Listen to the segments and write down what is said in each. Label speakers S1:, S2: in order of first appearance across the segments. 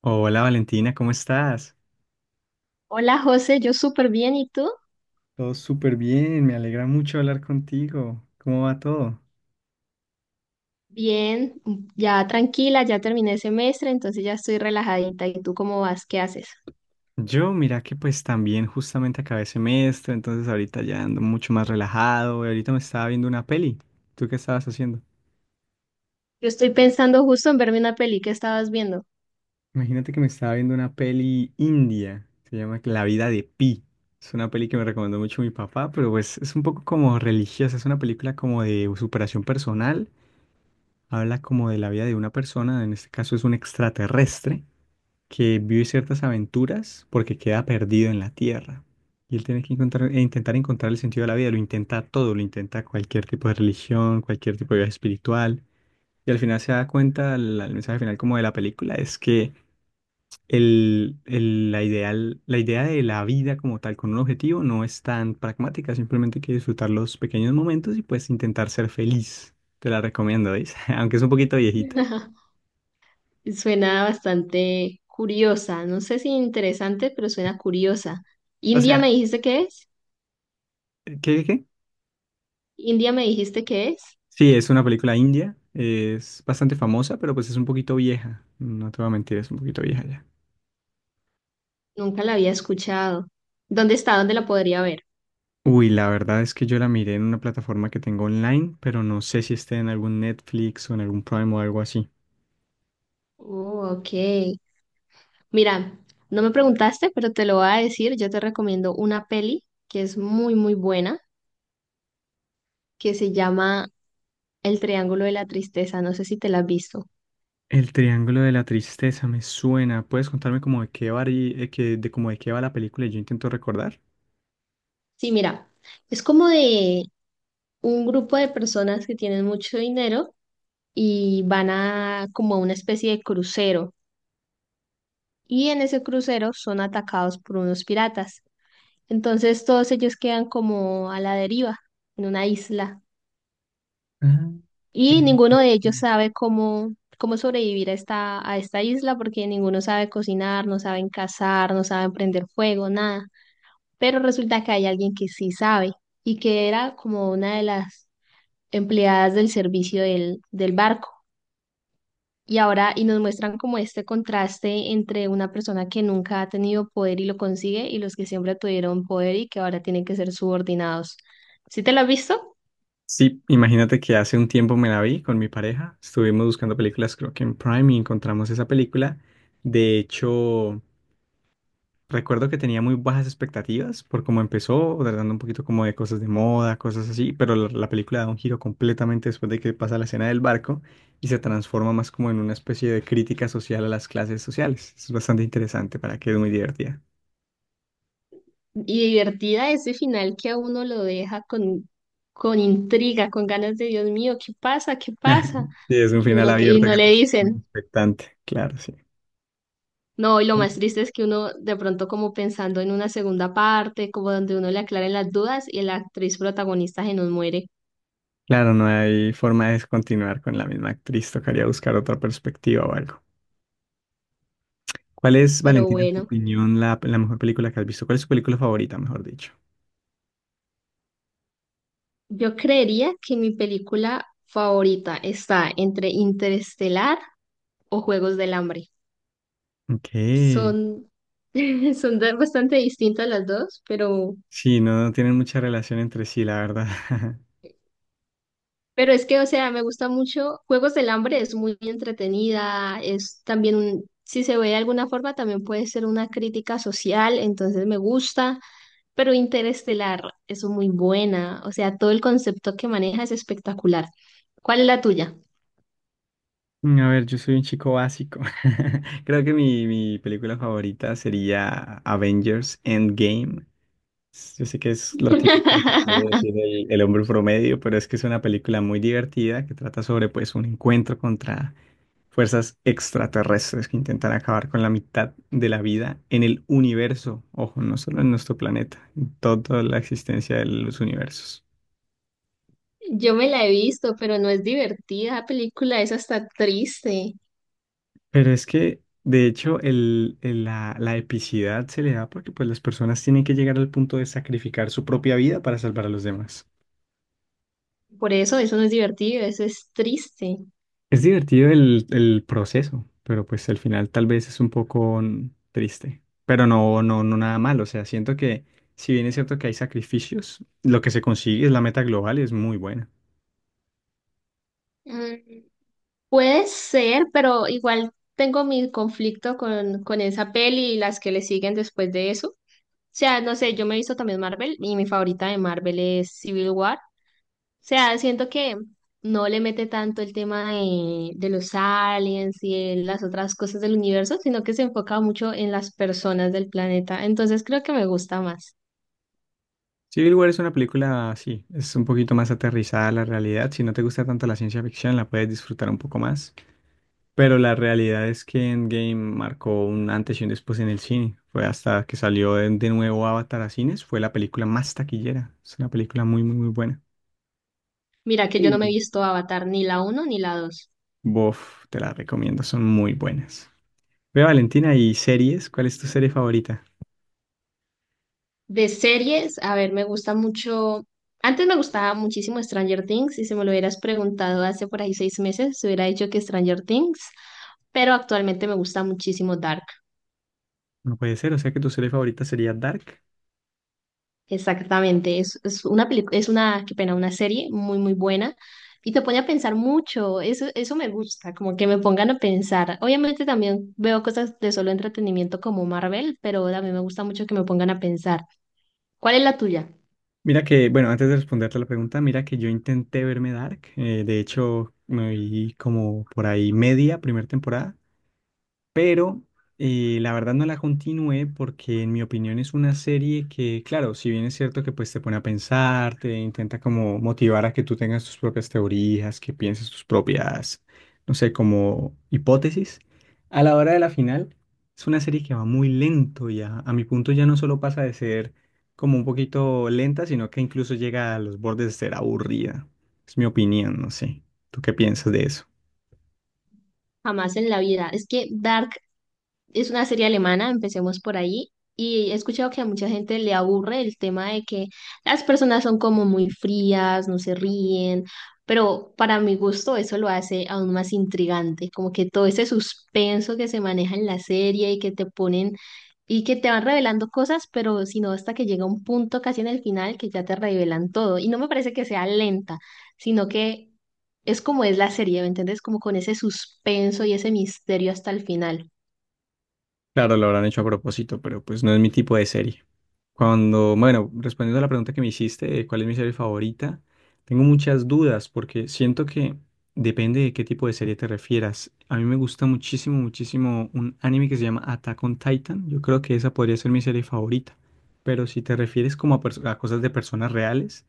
S1: Hola Valentina, ¿cómo estás?
S2: Hola José, yo súper bien, ¿y tú?
S1: Todo súper bien, me alegra mucho hablar contigo. ¿Cómo va todo?
S2: Bien, ya tranquila, ya terminé el semestre, entonces ya estoy relajadita. ¿Y tú cómo vas? ¿Qué haces?
S1: Yo, mira que pues también justamente acabé semestre, entonces ahorita ya ando mucho más relajado y ahorita me estaba viendo una peli. ¿Tú qué estabas haciendo?
S2: Yo estoy pensando justo en verme una peli que estabas viendo.
S1: Imagínate que me estaba viendo una peli india, se llama La Vida de Pi. Es una peli que me recomendó mucho mi papá, pero pues es un poco como religiosa, es una película como de superación personal, habla como de la vida de una persona, en este caso es un extraterrestre que vive ciertas aventuras porque queda perdido en la tierra. Y él tiene que encontrar, e intentar encontrar el sentido de la vida. Lo intenta todo, lo intenta cualquier tipo de religión, cualquier tipo de vida espiritual. Y al final se da cuenta, el mensaje final como de la película es que la ideal, la idea de la vida como tal con un objetivo no es tan pragmática. Simplemente hay que disfrutar los pequeños momentos y pues intentar ser feliz. Te la recomiendo, ¿veis? Aunque es un poquito viejita.
S2: Suena bastante curiosa, no sé si interesante, pero suena curiosa.
S1: O
S2: ¿India
S1: sea,
S2: me dijiste que es?
S1: ¿qué?
S2: ¿India me dijiste que es?
S1: Sí, es una película india, es bastante famosa, pero pues es un poquito vieja, no te voy a mentir, es un poquito vieja ya.
S2: Nunca la había escuchado. ¿Dónde está? ¿Dónde la podría ver?
S1: Uy, la verdad es que yo la miré en una plataforma que tengo online, pero no sé si esté en algún Netflix o en algún Prime o algo así.
S2: Oh, ok. Mira, no me preguntaste, pero te lo voy a decir. Yo te recomiendo una peli que es muy, muy buena, que se llama El Triángulo de la Tristeza. No sé si te la has visto.
S1: El Triángulo de la Tristeza me suena. ¿Puedes contarme como de qué va, de como de qué va la película y yo intento recordar?
S2: Sí, mira, es como de un grupo de personas que tienen mucho dinero y van a como a una especie de crucero. Y en ese crucero son atacados por unos piratas. Entonces todos ellos quedan como a la deriva, en una isla.
S1: Ah,
S2: Y
S1: creo que
S2: ninguno de ellos
S1: sí.
S2: sabe cómo sobrevivir a esta isla porque ninguno sabe cocinar, no saben cazar, no saben prender fuego, nada. Pero resulta que hay alguien que sí sabe y que era como una de las empleadas del servicio del barco. Y ahora, y nos muestran como este contraste entre una persona que nunca ha tenido poder y lo consigue y los que siempre tuvieron poder y que ahora tienen que ser subordinados. ¿Sí te lo has visto?
S1: Sí, imagínate que hace un tiempo me la vi con mi pareja. Estuvimos buscando películas, creo que en Prime, y encontramos esa película. De hecho, recuerdo que tenía muy bajas expectativas por cómo empezó, tratando un poquito como de cosas de moda, cosas así, pero la película da un giro completamente después de que pasa la escena del barco y se transforma más como en una especie de crítica social a las clases sociales. Es bastante interesante, para que es muy divertida.
S2: Y divertida ese final que a uno lo deja con intriga, con ganas de Dios mío, ¿qué pasa? ¿Qué pasa?
S1: Sí, es un
S2: Y
S1: final
S2: uno que, y
S1: abierto
S2: no
S1: que te
S2: le
S1: deja muy
S2: dicen.
S1: expectante, claro, sí.
S2: No, y lo más triste es que uno de pronto como pensando en una segunda parte, como donde uno le aclara las dudas y la actriz protagonista se nos muere.
S1: Claro, no hay forma de continuar con la misma actriz, tocaría buscar otra perspectiva o algo. ¿Cuál es,
S2: Pero
S1: Valentina, en tu
S2: bueno,
S1: opinión, la mejor película que has visto? ¿Cuál es tu película favorita, mejor dicho?
S2: yo creería que mi película favorita está entre Interestelar o Juegos del Hambre.
S1: Ok.
S2: Son, bastante distintas las dos, pero
S1: Sí, no, no tienen mucha relación entre sí, la verdad.
S2: Pero es que, o sea, me gusta mucho. Juegos del Hambre es muy entretenida, si se ve de alguna forma, también puede ser una crítica social, entonces me gusta. Pero Interestelar es muy buena, o sea, todo el concepto que maneja es espectacular. ¿Cuál es la tuya?
S1: A ver, yo soy un chico básico. Creo que mi película favorita sería Avengers Endgame. Yo sé que es lo típico que puede decir el hombre promedio, pero es que es una película muy divertida que trata sobre pues un encuentro contra fuerzas extraterrestres que intentan acabar con la mitad de la vida en el universo. Ojo, no solo en nuestro planeta, en toda la existencia de los universos.
S2: Yo me la he visto, pero no es divertida. La película es hasta triste.
S1: Pero es que, de hecho, la epicidad se le da porque pues, las personas tienen que llegar al punto de sacrificar su propia vida para salvar a los demás.
S2: Por eso, eso no es divertido, eso es triste.
S1: Es divertido el proceso, pero pues al final tal vez es un poco triste. Pero no, no, no nada malo. O sea, siento que si bien es cierto que hay sacrificios, lo que se consigue es la meta global y es muy buena.
S2: Mm. Puede ser, pero igual tengo mi conflicto con esa peli y las que le siguen después de eso. O sea, no sé, yo me he visto también Marvel y mi favorita de Marvel es Civil War. O sea, siento que no le mete tanto el tema de los aliens y de las otras cosas del universo, sino que se enfoca mucho en las personas del planeta. Entonces creo que me gusta más.
S1: Civil War es una película sí es un poquito más aterrizada a la realidad. Si no te gusta tanto la ciencia ficción, la puedes disfrutar un poco más. Pero la realidad es que Endgame marcó un antes y un después en el cine. Fue hasta que salió de nuevo Avatar a cines, fue la película más taquillera. Es una película muy, muy, muy buena.
S2: Mira que yo no me he
S1: Sí.
S2: visto Avatar ni la uno ni la 2.
S1: Bof, te la recomiendo, son muy buenas. Ve, Valentina, ¿y series? ¿Cuál es tu serie favorita?
S2: De series, a ver, me gusta mucho. Antes me gustaba muchísimo Stranger Things, y si me lo hubieras preguntado hace por ahí 6 meses, se hubiera dicho que Stranger Things, pero actualmente me gusta muchísimo Dark.
S1: No puede ser, o sea que tu serie favorita sería Dark.
S2: Exactamente, es una película, es una, qué pena, una serie muy, muy buena y te pone a pensar mucho. Eso me gusta, como que me pongan a pensar. Obviamente también veo cosas de solo entretenimiento como Marvel, pero también me gusta mucho que me pongan a pensar. ¿Cuál es la tuya?
S1: Mira que, bueno, antes de responderte la pregunta, mira que yo intenté verme Dark. De hecho, me vi como por ahí media primera temporada, pero la verdad no la continué porque en mi opinión es una serie que, claro, si bien es cierto que pues te pone a pensar, te intenta como motivar a que tú tengas tus propias teorías, que pienses tus propias, no sé, como hipótesis, a la hora de la final es una serie que va muy lento ya, a mi punto ya no solo pasa de ser como un poquito lenta, sino que incluso llega a los bordes de ser aburrida. Es mi opinión, no sé. ¿Tú qué piensas de eso?
S2: Jamás en la vida. Es que Dark es una serie alemana, empecemos por ahí. Y he escuchado que a mucha gente le aburre el tema de que las personas son como muy frías, no se ríen, pero para mi gusto eso lo hace aún más intrigante, como que todo ese suspenso que se maneja en la serie y que te ponen y que te van revelando cosas, pero sino hasta que llega un punto casi en el final que ya te revelan todo. Y no me parece que sea lenta, sino que es como es la serie, ¿me entiendes? Como con ese suspenso y ese misterio hasta el final.
S1: Claro, lo habrán hecho a propósito, pero pues no es mi tipo de serie. Cuando, bueno, respondiendo a la pregunta que me hiciste de cuál es mi serie favorita, tengo muchas dudas porque siento que depende de qué tipo de serie te refieras. A mí me gusta muchísimo, muchísimo un anime que se llama Attack on Titan. Yo creo que esa podría ser mi serie favorita. Pero si te refieres como a, a cosas de personas reales,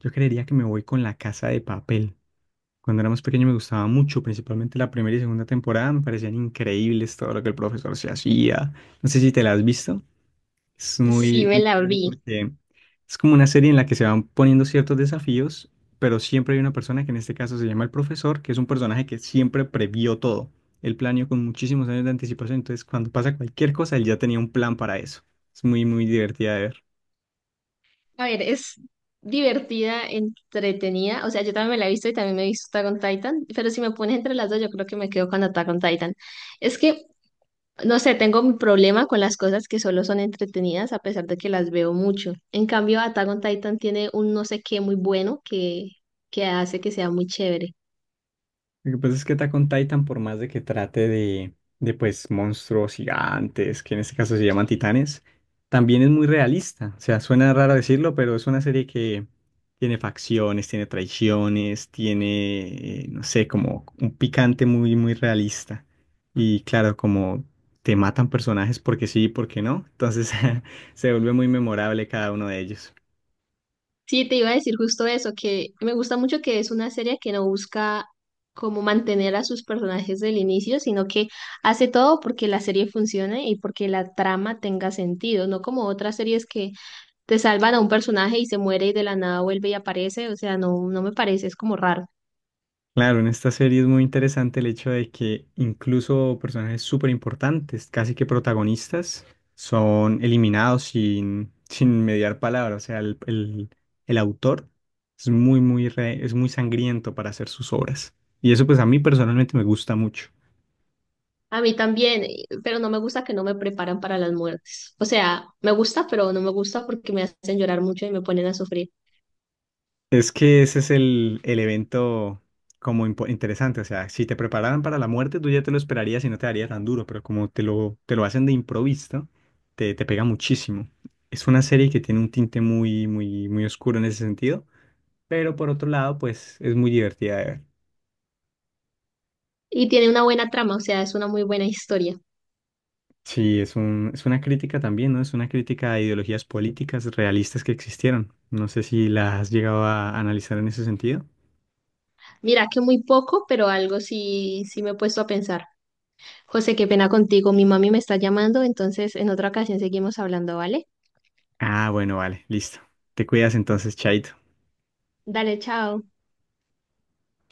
S1: yo creería que me voy con La Casa de Papel. Cuando era más pequeño me gustaba mucho, principalmente la primera y segunda temporada, me parecían increíbles todo lo que el profesor se hacía. No sé si te la has visto. Es
S2: Sí,
S1: muy,
S2: me
S1: muy
S2: la
S1: chévere
S2: vi.
S1: porque es como una serie en la que se van poniendo ciertos desafíos, pero siempre hay una persona que en este caso se llama el profesor, que es un personaje que siempre previó todo. Él planeó con muchísimos años de anticipación, entonces cuando pasa cualquier cosa, él ya tenía un plan para eso. Es muy, muy divertida de ver.
S2: A ver, es divertida, entretenida. O sea, yo también me la he visto y también me he visto Attack on Titan. Pero si me pones entre las dos, yo creo que me quedo con Attack on Titan. Es que, no sé, tengo mi problema con las cosas que solo son entretenidas a pesar de que las veo mucho. En cambio, Attack on Titan tiene un no sé qué muy bueno que hace que sea muy chévere.
S1: Lo que pasa es que Attack on Titan, por más de que trate de pues monstruos gigantes, que en este caso se llaman titanes, también es muy realista. O sea, suena raro decirlo, pero es una serie que tiene facciones, tiene traiciones, tiene, no sé, como un picante muy, muy realista. Y claro, como te matan personajes porque sí y porque no, entonces se vuelve muy memorable cada uno de ellos.
S2: Sí, te iba a decir justo eso, que me gusta mucho que es una serie que no busca como mantener a sus personajes del inicio, sino que hace todo porque la serie funcione y porque la trama tenga sentido, no como otras series que te salvan a un personaje y se muere y de la nada vuelve y aparece, o sea, no, no me parece, es como raro.
S1: Claro, en esta serie es muy interesante el hecho de que incluso personajes súper importantes, casi que protagonistas, son eliminados sin mediar palabra. O sea, el autor es muy, muy, es muy sangriento para hacer sus obras. Y eso pues a mí personalmente me gusta mucho.
S2: A mí también, pero no me gusta que no me preparan para las muertes. O sea, me gusta, pero no me gusta porque me hacen llorar mucho y me ponen a sufrir.
S1: Es que ese es el evento como interesante. O sea, si te prepararan para la muerte, tú ya te lo esperarías y no te daría tan duro, pero como te lo hacen de improviso, te pega muchísimo. Es una serie que tiene un tinte muy, muy, muy oscuro en ese sentido, pero por otro lado, pues es muy divertida de ver.
S2: Y tiene una buena trama, o sea, es una muy buena historia.
S1: Sí, es un, es una crítica también, ¿no? Es una crítica a ideologías políticas realistas que existieron. No sé si las has llegado a analizar en ese sentido.
S2: Mira que muy poco, pero algo sí, sí me he puesto a pensar. José, qué pena contigo, mi mami me está llamando, entonces en otra ocasión seguimos hablando, ¿vale?
S1: Ah, bueno, vale, listo. Te cuidas entonces, chaito.
S2: Dale, chao.